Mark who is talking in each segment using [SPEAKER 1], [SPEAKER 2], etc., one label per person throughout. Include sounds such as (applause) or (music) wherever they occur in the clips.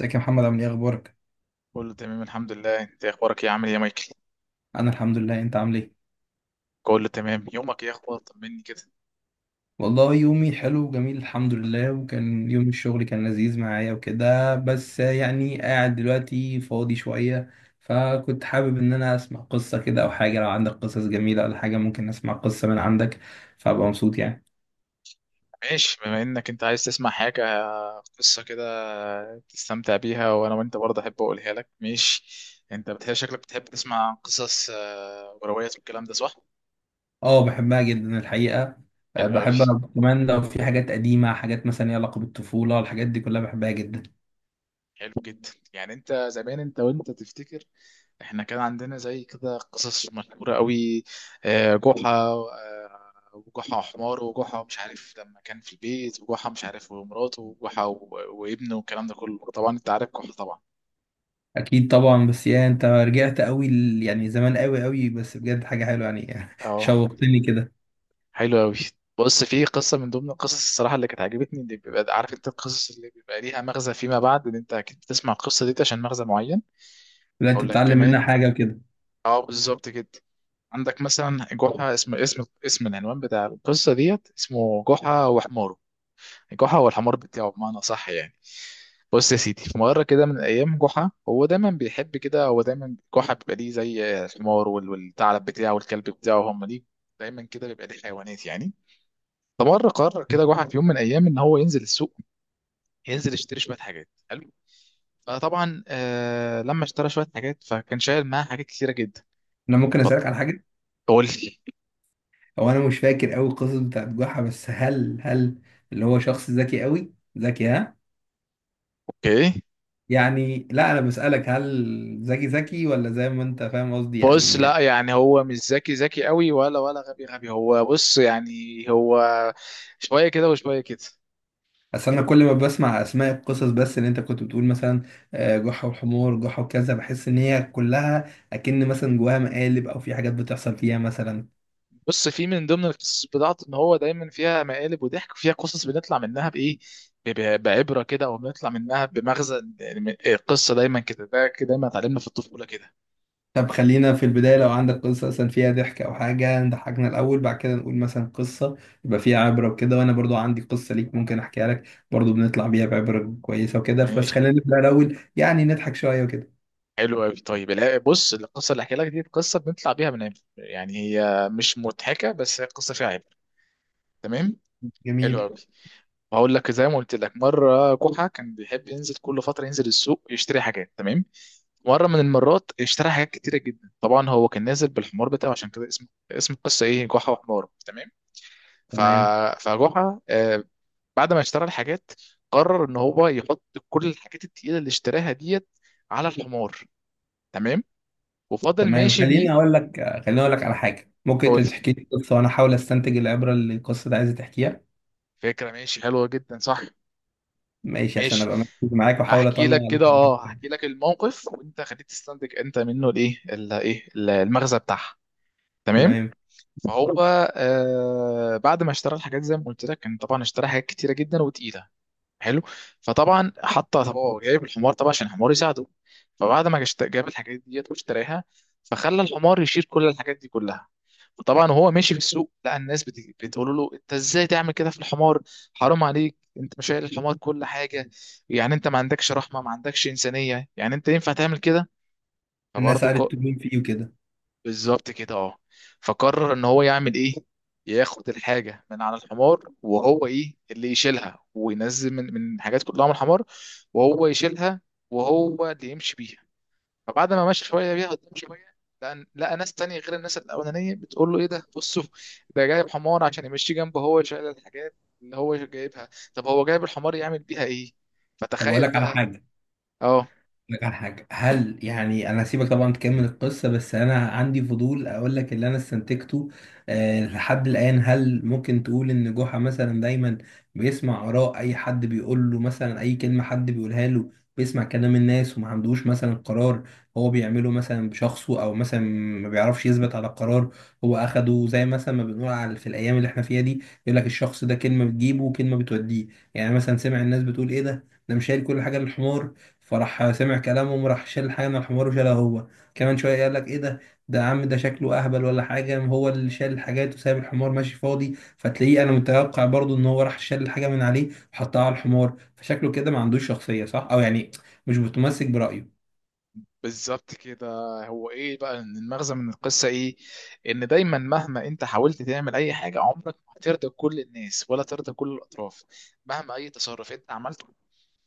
[SPEAKER 1] ازيك يا محمد، عامل ايه؟ اخبارك؟
[SPEAKER 2] كله تمام، الحمد لله. انت اخبارك ايه؟ عامل ايه يا مايكل؟
[SPEAKER 1] انا الحمد لله، انت عامل ايه؟
[SPEAKER 2] كله تمام. يومك ايه اخبار؟ طمني كده.
[SPEAKER 1] والله يومي حلو وجميل الحمد لله، وكان يوم الشغل كان لذيذ معايا وكده، بس يعني قاعد دلوقتي فاضي شوية. فكنت حابب ان انا اسمع قصة كده او حاجة، لو عندك قصص جميلة ولا حاجة ممكن اسمع قصة من عندك، فابقى مبسوط يعني.
[SPEAKER 2] ماشي، بما انك انت عايز تسمع حاجه، قصه كده تستمتع بيها، وانا وانت برضه احب اقولها لك. ماشي. انت بتحب، شكلك بتحب تسمع قصص، وروايات والكلام ده، صح؟
[SPEAKER 1] اه بحبها جدا الحقيقة. أه،
[SPEAKER 2] حلو قوي.
[SPEAKER 1] بحبها كمان، لو في حاجات قديمة، حاجات مثلا ليها علاقة بالطفولة، الحاجات دي كلها بحبها جدا.
[SPEAKER 2] حلو جدا. يعني انت زمان، وانت تفتكر، احنا كان عندنا زي كده قصص مشهورة قوي. جحا وجحا حمار، وجحا مش عارف لما كان في البيت، وجحا مش عارف، ومراته، وجحا وابنه، والكلام ده كله. طبعا انت عارف جحا طبعا.
[SPEAKER 1] اكيد طبعا، بس يا انت رجعت قوي يعني زمان قوي قوي، بس بجد حاجه حلوه يعني (laughs)
[SPEAKER 2] اه،
[SPEAKER 1] شوقتني كده.
[SPEAKER 2] حلو قوي. بص، في قصة من ضمن القصص، الصراحة، اللي كانت عجبتني، اللي بيبقى عارف انت القصص اللي بيبقى ليها مغزى فيما بعد، ان انت اكيد بتسمع القصة دي عشان مغزى معين.
[SPEAKER 1] لا، انت
[SPEAKER 2] اقول لك
[SPEAKER 1] بتتعلم منها
[SPEAKER 2] كمان،
[SPEAKER 1] حاجه وكده.
[SPEAKER 2] اه، بالظبط كده. عندك مثلا جحا، اسم العنوان بتاع القصة ديت، اسمه جحا وحماره، جحا والحمار بتاعه، بمعنى، صح يعني. بص يا سيدي، في مرة كده من الأيام، جحا هو دايما بيحب كده، هو دايما جحا بيبقى ليه زي الحمار والثعلب بتاعه والكلب بتاعه، هم ليه دايما كده بيبقى ليه حيوانات يعني. فمرة قرر كده جحا في يوم من الأيام إن هو ينزل السوق، ينزل يشتري شوية حاجات. حلو. فطبعا، لما اشترى شوية حاجات، فكان شايل معاه حاجات كتيرة جدا.
[SPEAKER 1] انا ممكن اسالك على حاجه؟
[SPEAKER 2] فقول لي.
[SPEAKER 1] هو انا مش فاكر قوي القصص بتاعت جحا، بس هل اللي هو شخص ذكي قوي ذكي؟ ها؟
[SPEAKER 2] اوكي.
[SPEAKER 1] يعني لا، انا بسالك هل ذكي ذكي ولا، زي ما انت فاهم قصدي
[SPEAKER 2] بص،
[SPEAKER 1] يعني.
[SPEAKER 2] لا يعني، هو مش ذكي ذكي قوي، ولا غبي غبي، هو بص يعني هو شويه كده وشويه كده.
[SPEAKER 1] اصل انا كل ما بسمع اسماء القصص، بس اللي انت كنت بتقول مثلا آه، جحا والحمار، جحا وكذا، بحس ان هي كلها اكن مثلا جواها مقالب، او في حاجات بتحصل فيها مثلا.
[SPEAKER 2] بص، في من ضمن القصص بتاعته ان هو دايما فيها مقالب وضحك، وفيها قصص بنطلع منها بايه، بعبره كده، او بنطلع منها بمغزى. يعني القصه دايما كده، ده كده دايما اتعلمنا في الطفوله كده.
[SPEAKER 1] طب خلينا في البداية، لو عندك قصة مثلا فيها ضحك أو حاجة نضحكنا الأول، بعد كده نقول مثلا قصة يبقى فيها عبرة وكده، وأنا برضو عندي قصة ليك ممكن أحكيها لك برضو بنطلع بيها بعبرة كويسة وكده، بس
[SPEAKER 2] ماشي.
[SPEAKER 1] خلينا نبدأ الأول يعني نضحك شوية وكده.
[SPEAKER 2] حلو قوي. طيب، لا، بص، القصه اللي احكي لك دي قصه بنطلع بيها من عبر، يعني هي مش مضحكه بس هي قصه فيها عبره. تمام. حلو
[SPEAKER 1] جميل.
[SPEAKER 2] قوي. وهقول لك، زي ما قلت لك، مره كحه كان بيحب ينزل كل فتره، ينزل السوق يشتري حاجات. تمام. مره من المرات اشترى حاجات كتيره جدا. طبعا هو كان نازل بالحمار بتاعه، عشان كده اسم القصه ايه؟ جحا وحمار. تمام. ف
[SPEAKER 1] تمام.
[SPEAKER 2] فجحا بعد ما اشترى الحاجات، قرر ان هو يحط كل الحاجات التقيله اللي اشتراها ديت على الحمار. تمام. وفضل
[SPEAKER 1] تمام
[SPEAKER 2] ماشي بيه.
[SPEAKER 1] خليني أقول لك، خليني أقول لك على حاجة، ممكن أنت
[SPEAKER 2] قول لي.
[SPEAKER 1] تحكي لي قصة وأنا أحاول أستنتج العبرة اللي القصة دي عايزة تحكيها.
[SPEAKER 2] فكره ماشي، حلوه جدا، صح.
[SPEAKER 1] ماشي، عشان
[SPEAKER 2] ماشي.
[SPEAKER 1] أبقى مركز معاك وأحاول
[SPEAKER 2] هحكي
[SPEAKER 1] أطلع
[SPEAKER 2] لك كده،
[SPEAKER 1] الحاجات.
[SPEAKER 2] هحكي لك الموقف، وانت خليك تستنتج انت منه الايه المغزى بتاعها. تمام.
[SPEAKER 1] تمام.
[SPEAKER 2] فهو آه بعد ما اشترى الحاجات، زي ما قلت لك، كان طبعا اشترى حاجات كتيره جدا وتقيله. حلو. فطبعا، طب هو جايب الحمار طبعا عشان الحمار يساعده. فبعد ما جاب الحاجات ديت واشتراها، فخلى الحمار يشيل كل الحاجات دي كلها. وطبعا وهو ماشي في السوق، لقى الناس بتقول له: انت ازاي تعمل كده في الحمار؟ حرام عليك! انت مش شايل الحمار كل حاجه. يعني انت ما عندكش رحمه، ما عندكش انسانيه، يعني انت ينفع تعمل كده؟
[SPEAKER 1] الناس
[SPEAKER 2] فبرضه،
[SPEAKER 1] عرفت مين فيه وكده.
[SPEAKER 2] بالظبط كده، اه. فقرر ان هو يعمل ايه؟ ياخد الحاجه من على الحمار، وهو ايه اللي يشيلها، وينزل من الحاجات كلها من الحمار، وهو يشيلها، وهو اللي يمشي بيها. فبعد ما مشى شويه بيها قدام شويه، لقى ناس تانية غير الناس الاولانيه بتقول له: ايه ده؟ بصوا، ده جايب حمار عشان يمشي جنبه، هو شايل الحاجات اللي هو جايبها. طب هو جايب الحمار يعمل بيها ايه؟
[SPEAKER 1] طب أقول
[SPEAKER 2] فتخيل
[SPEAKER 1] لك على
[SPEAKER 2] بقى.
[SPEAKER 1] حاجة،
[SPEAKER 2] اه،
[SPEAKER 1] لك على حاجة، هل يعني أنا هسيبك طبعا تكمل القصة، بس أنا عندي فضول أقول لك اللي أنا استنتجته أه لحد الآن. هل ممكن تقول إن جحا مثلا دايما بيسمع آراء أي حد، بيقول له مثلا أي كلمة حد بيقولها له، بيسمع كلام الناس، وما عندوش مثلا قرار هو بيعمله مثلا بشخصه، أو مثلا ما بيعرفش يثبت على قرار هو أخده، زي مثلا ما بنقول على في الأيام اللي إحنا فيها دي، يقول لك الشخص ده كلمة بتجيبه وكلمة بتوديه. يعني مثلا سمع الناس بتقول إيه ده، ده مش شايل كل حاجة للحمار، فراح سمع كلامهم راح شال حاجة من الحمار وشالها هو. كمان شوية قال لك ايه ده، ده عم ده شكله اهبل ولا حاجة، هو اللي شال الحاجات وسايب الحمار ماشي فاضي. فتلاقيه انا متوقع برضو ان هو راح شال الحاجة من عليه وحطها على الحمار، فشكله كده ما عندوش شخصية صح، او يعني مش متمسك برأيه.
[SPEAKER 2] بالظبط كده. هو ايه بقى؟ إن المغزى من القصه ايه؟ ان دايما، مهما انت حاولت تعمل اي حاجه، عمرك ما هترضى كل الناس ولا ترضى كل الاطراف. مهما اي تصرف انت عملته،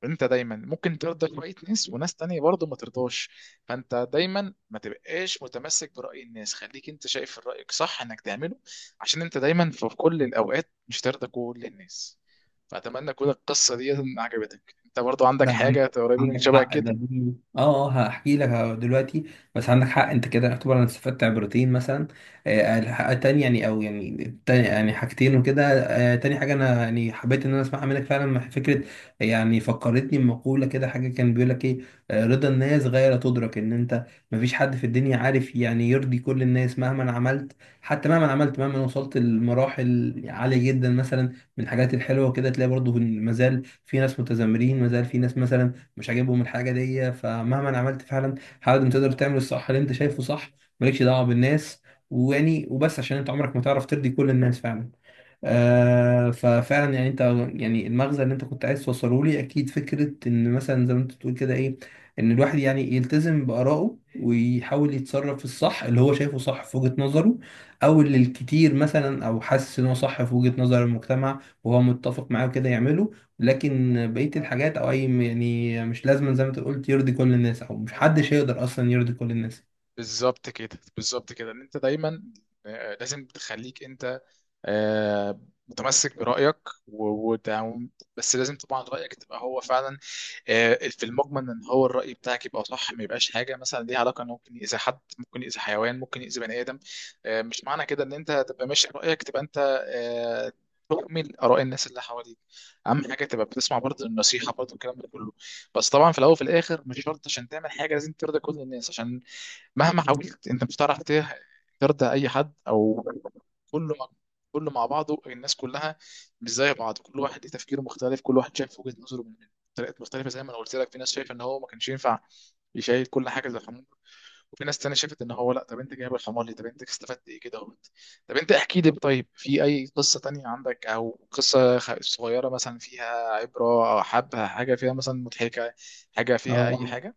[SPEAKER 2] انت دايما ممكن ترضى شويه ناس، وناس تانية برضه ما ترضاش. فانت دايما ما تبقاش متمسك براي الناس، خليك انت شايف رايك صح انك تعمله، عشان انت دايما في كل الاوقات مش ترضى كل الناس. فاتمنى تكون القصه دي عجبتك. انت برضه عندك
[SPEAKER 1] لا عن-
[SPEAKER 2] حاجه قريبه من
[SPEAKER 1] عندك
[SPEAKER 2] شبه
[SPEAKER 1] حق ده،
[SPEAKER 2] كده؟
[SPEAKER 1] دي اه اه هحكي لك دلوقتي. بس عندك حق انت كده، يعتبر انا استفدت عبرتين مثلا. آه تاني يعني، او يعني تاني يعني حاجتين وكده. آه تاني حاجه انا يعني حبيت ان انا اسمعها منك فعلا، مع فكره يعني فكرتني بمقوله كده، حاجه كان بيقول لك ايه آه، رضا الناس غير تدرك ان انت مفيش حد في الدنيا عارف يعني يرضي كل الناس مهما عملت. حتى مهما عملت، مهما وصلت لمراحل عاليه جدا مثلا، من الحاجات الحلوه كده، تلاقي برضه مازال في ناس متذمرين، ما زال في ناس مثلا مش عاجبهم الحاجه دي. فمهما أنا عملت فعلا، حاول انت تقدر تعمل الصح اللي انت شايفه صح، مالكش دعوه بالناس، ويعني وبس عشان انت عمرك ما تعرف ترضي كل الناس فعلا. آه ففعلا يعني انت، يعني المغزى اللي انت كنت عايز توصله لي اكيد فكره ان مثلا زي ما انت بتقول كده ايه، ان الواحد يعني يلتزم بارائه ويحاول يتصرف في الصح اللي هو شايفه صح في وجهه نظره، او اللي الكتير مثلا، او حاسس ان هو صح في وجهه نظر المجتمع وهو متفق معاه كده يعمله. لكن بقيه الحاجات، او اي يعني مش لازم زي ما انت قلت يرضي كل الناس، او مش حدش هيقدر اصلا يرضي كل الناس.
[SPEAKER 2] بالظبط كده، بالظبط كده، ان انت دايما لازم تخليك انت آه، متمسك برأيك، و... وت- بس لازم طبعا رأيك تبقى هو فعلا، في المجمل، ان هو الرأي بتاعك يبقى صح، ما يبقاش حاجة مثلا ليها علاقة انه ممكن يأذي حد، ممكن يأذي حيوان، ممكن يأذي بني آدم. مش معنى كده ان انت تبقى ماشي برأيك، تبقى انت آه، تؤمن آراء الناس اللي حواليك. أهم حاجة تبقى بتسمع برضه النصيحة، برضه الكلام ده كله. بس طبعا في الأول وفي الآخر، مش شرط عشان تعمل حاجة لازم ترضي كل الناس، عشان مهما حاولت انت مش هتعرف ترضى اي حد، او كله مع- كله مع بعضه. الناس كلها مش زي بعض، كل واحد ليه تفكيره مختلف، كل واحد شايف وجهة نظره من طريقات مختلفة. زي ما انا قلت لك، في ناس شايفه ان هو ما كانش ينفع يشيل كل حاجة زي الحمار، وفي ناس تانية شافت ان هو لا، طب انت جايب الحمار ليه، طب انت استفدت ايه كده اهوت. طب انت احكي لي، طيب، في اي قصة تانية عندك، او قصة صغيرة مثلا فيها عبرة، او حبة حاجة فيها مثلا مضحكة، حاجة فيها اي
[SPEAKER 1] اه
[SPEAKER 2] حاجة.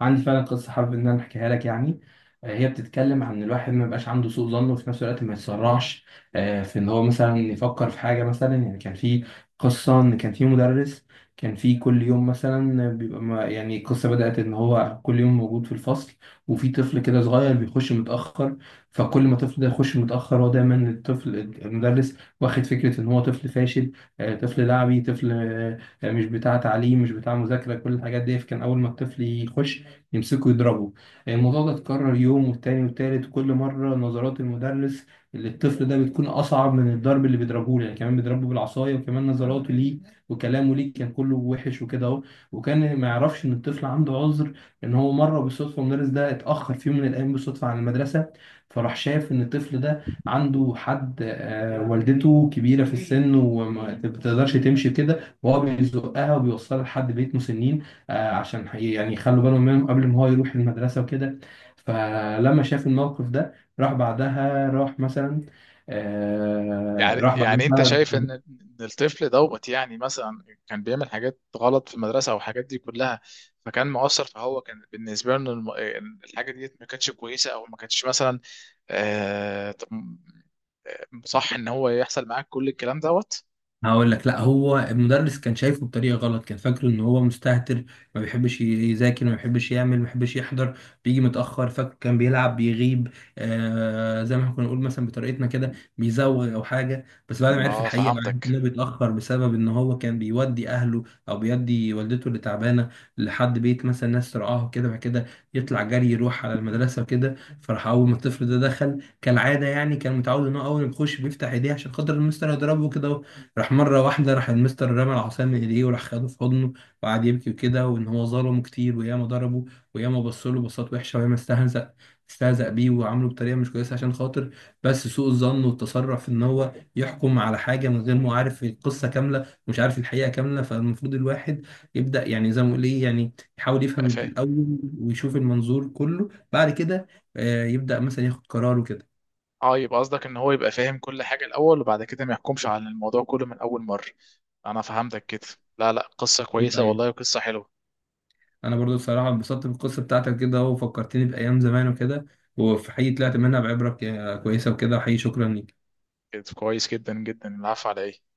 [SPEAKER 1] عندي فعلا قصة حابب إن أنا أحكيها لك يعني. آه، هي بتتكلم عن إن الواحد ما يبقاش عنده سوء ظن، وفي نفس الوقت ما يتسرعش آه، في إن هو مثلا يفكر في حاجة مثلا. يعني كان في قصة، إن كان في مدرس، كان في كل يوم مثلا بيبقى ما يعني القصة بدأت إن هو كل يوم موجود في الفصل، وفي طفل كده صغير بيخش متأخر. فكل ما الطفل ده يخش متأخر، هو دايما الطفل المدرس واخد فكرة إن هو طفل فاشل، آه، طفل لعبي، طفل آه، مش بتاع تعليم، مش بتاع مذاكرة، كل الحاجات دي. فكان أول ما الطفل يخش يمسكوا يضربوا. الموضوع ده اتكرر يوم والتاني والتالت، وكل مرة نظرات المدرس للطفل ده بتكون أصعب من الضرب اللي بيضربه له، يعني كمان بيضربه بالعصاية وكمان نظراته ليه وكلامه ليه كان كله وحش وكده أهو. وكان ما يعرفش إن الطفل عنده عذر، إن هو مرة بالصدفة المدرس ده اتأخر في يوم من الأيام بالصدفة عن المدرسة، فراح شاف إن الطفل ده عنده حد آه، والدته كبيرة في السن وما بتقدرش تمشي كده، وهو بيزقها وبيوصلها لحد بيت مسنين، آه، عشان يعني يخلوا بالهم منهم قبل ما هو يروح المدرسة وكده. فلما شاف الموقف ده، راح بعدها راح مثلا، آه،
[SPEAKER 2] يعني
[SPEAKER 1] راح
[SPEAKER 2] يعني انت
[SPEAKER 1] بعدها.
[SPEAKER 2] شايف إن الطفل دوت، يعني مثلا كان بيعمل حاجات غلط في المدرسه والحاجات دي كلها، فكان مؤثر، فهو كان بالنسبه له الحاجه ديت ما كانتش كويسه، او ما كانتش مثلا، طب صح ان هو يحصل معاك كل الكلام دوت؟
[SPEAKER 1] هقول لك، لا هو المدرس كان شايفه بطريقه غلط، كان فاكره ان هو مستهتر، ما بيحبش يذاكر، ما بيحبش يعمل، ما بيحبش يحضر، بيجي متاخر، فاكر كان بيلعب بيغيب، آه زي ما احنا كنا نقول مثلا بطريقتنا كده بيزوغ او حاجه. بس بعد ما عرف
[SPEAKER 2] اه،
[SPEAKER 1] الحقيقه، وعرف ان
[SPEAKER 2] فهمتك.
[SPEAKER 1] هو بيتاخر بسبب ان هو كان بيودي اهله، او بيودي والدته اللي تعبانه لحد بيت مثلا ناس ترعاه وكده، بعد كده يطلع جري يروح على المدرسه وكده. فراح اول ما الطفل ده دخل كالعاده، يعني كان متعود ان هو اول ما يخش بيفتح ايديه عشان خاطر المستر يضربه كده، راح مرة واحدة راح المستر رمى العصاية من ايديه وراح خده في حضنه، وقعد يبكي وكده، وان هو ظلمه كتير، وياما ضربه، وياما بصله بصات وحشة، وياما استهزأ بيه، وعامله بطريقة مش كويسة عشان خاطر، بس سوء الظن والتسرع في ان هو يحكم على حاجة من غير ما عارف القصة كاملة، ومش عارف الحقيقة كاملة. فالمفروض الواحد يبدأ، يعني زي ما بقول ايه، يعني يحاول
[SPEAKER 2] بقى
[SPEAKER 1] يفهم
[SPEAKER 2] فاهم.
[SPEAKER 1] الأول ويشوف المنظور كله، بعد كده آه، يبدأ مثلا ياخد قرار وكده.
[SPEAKER 2] اه، يبقى قصدك ان هو يبقى فاهم كل حاجه الاول، وبعد كده ما يحكمش على الموضوع كله من اول مره. انا فهمتك كده. لا، لا، قصه كويسه والله، قصه حلوه.
[SPEAKER 1] انا برضو بصراحه انبسطت بالقصه بتاعتك كده، وفكرتني بايام زمان وكده، وفي حقيقي طلعت منها بعبره كويسه وكده، وحقيقي شكرا ليك.
[SPEAKER 2] كده كويس جدا جدا. العفو، على ايه؟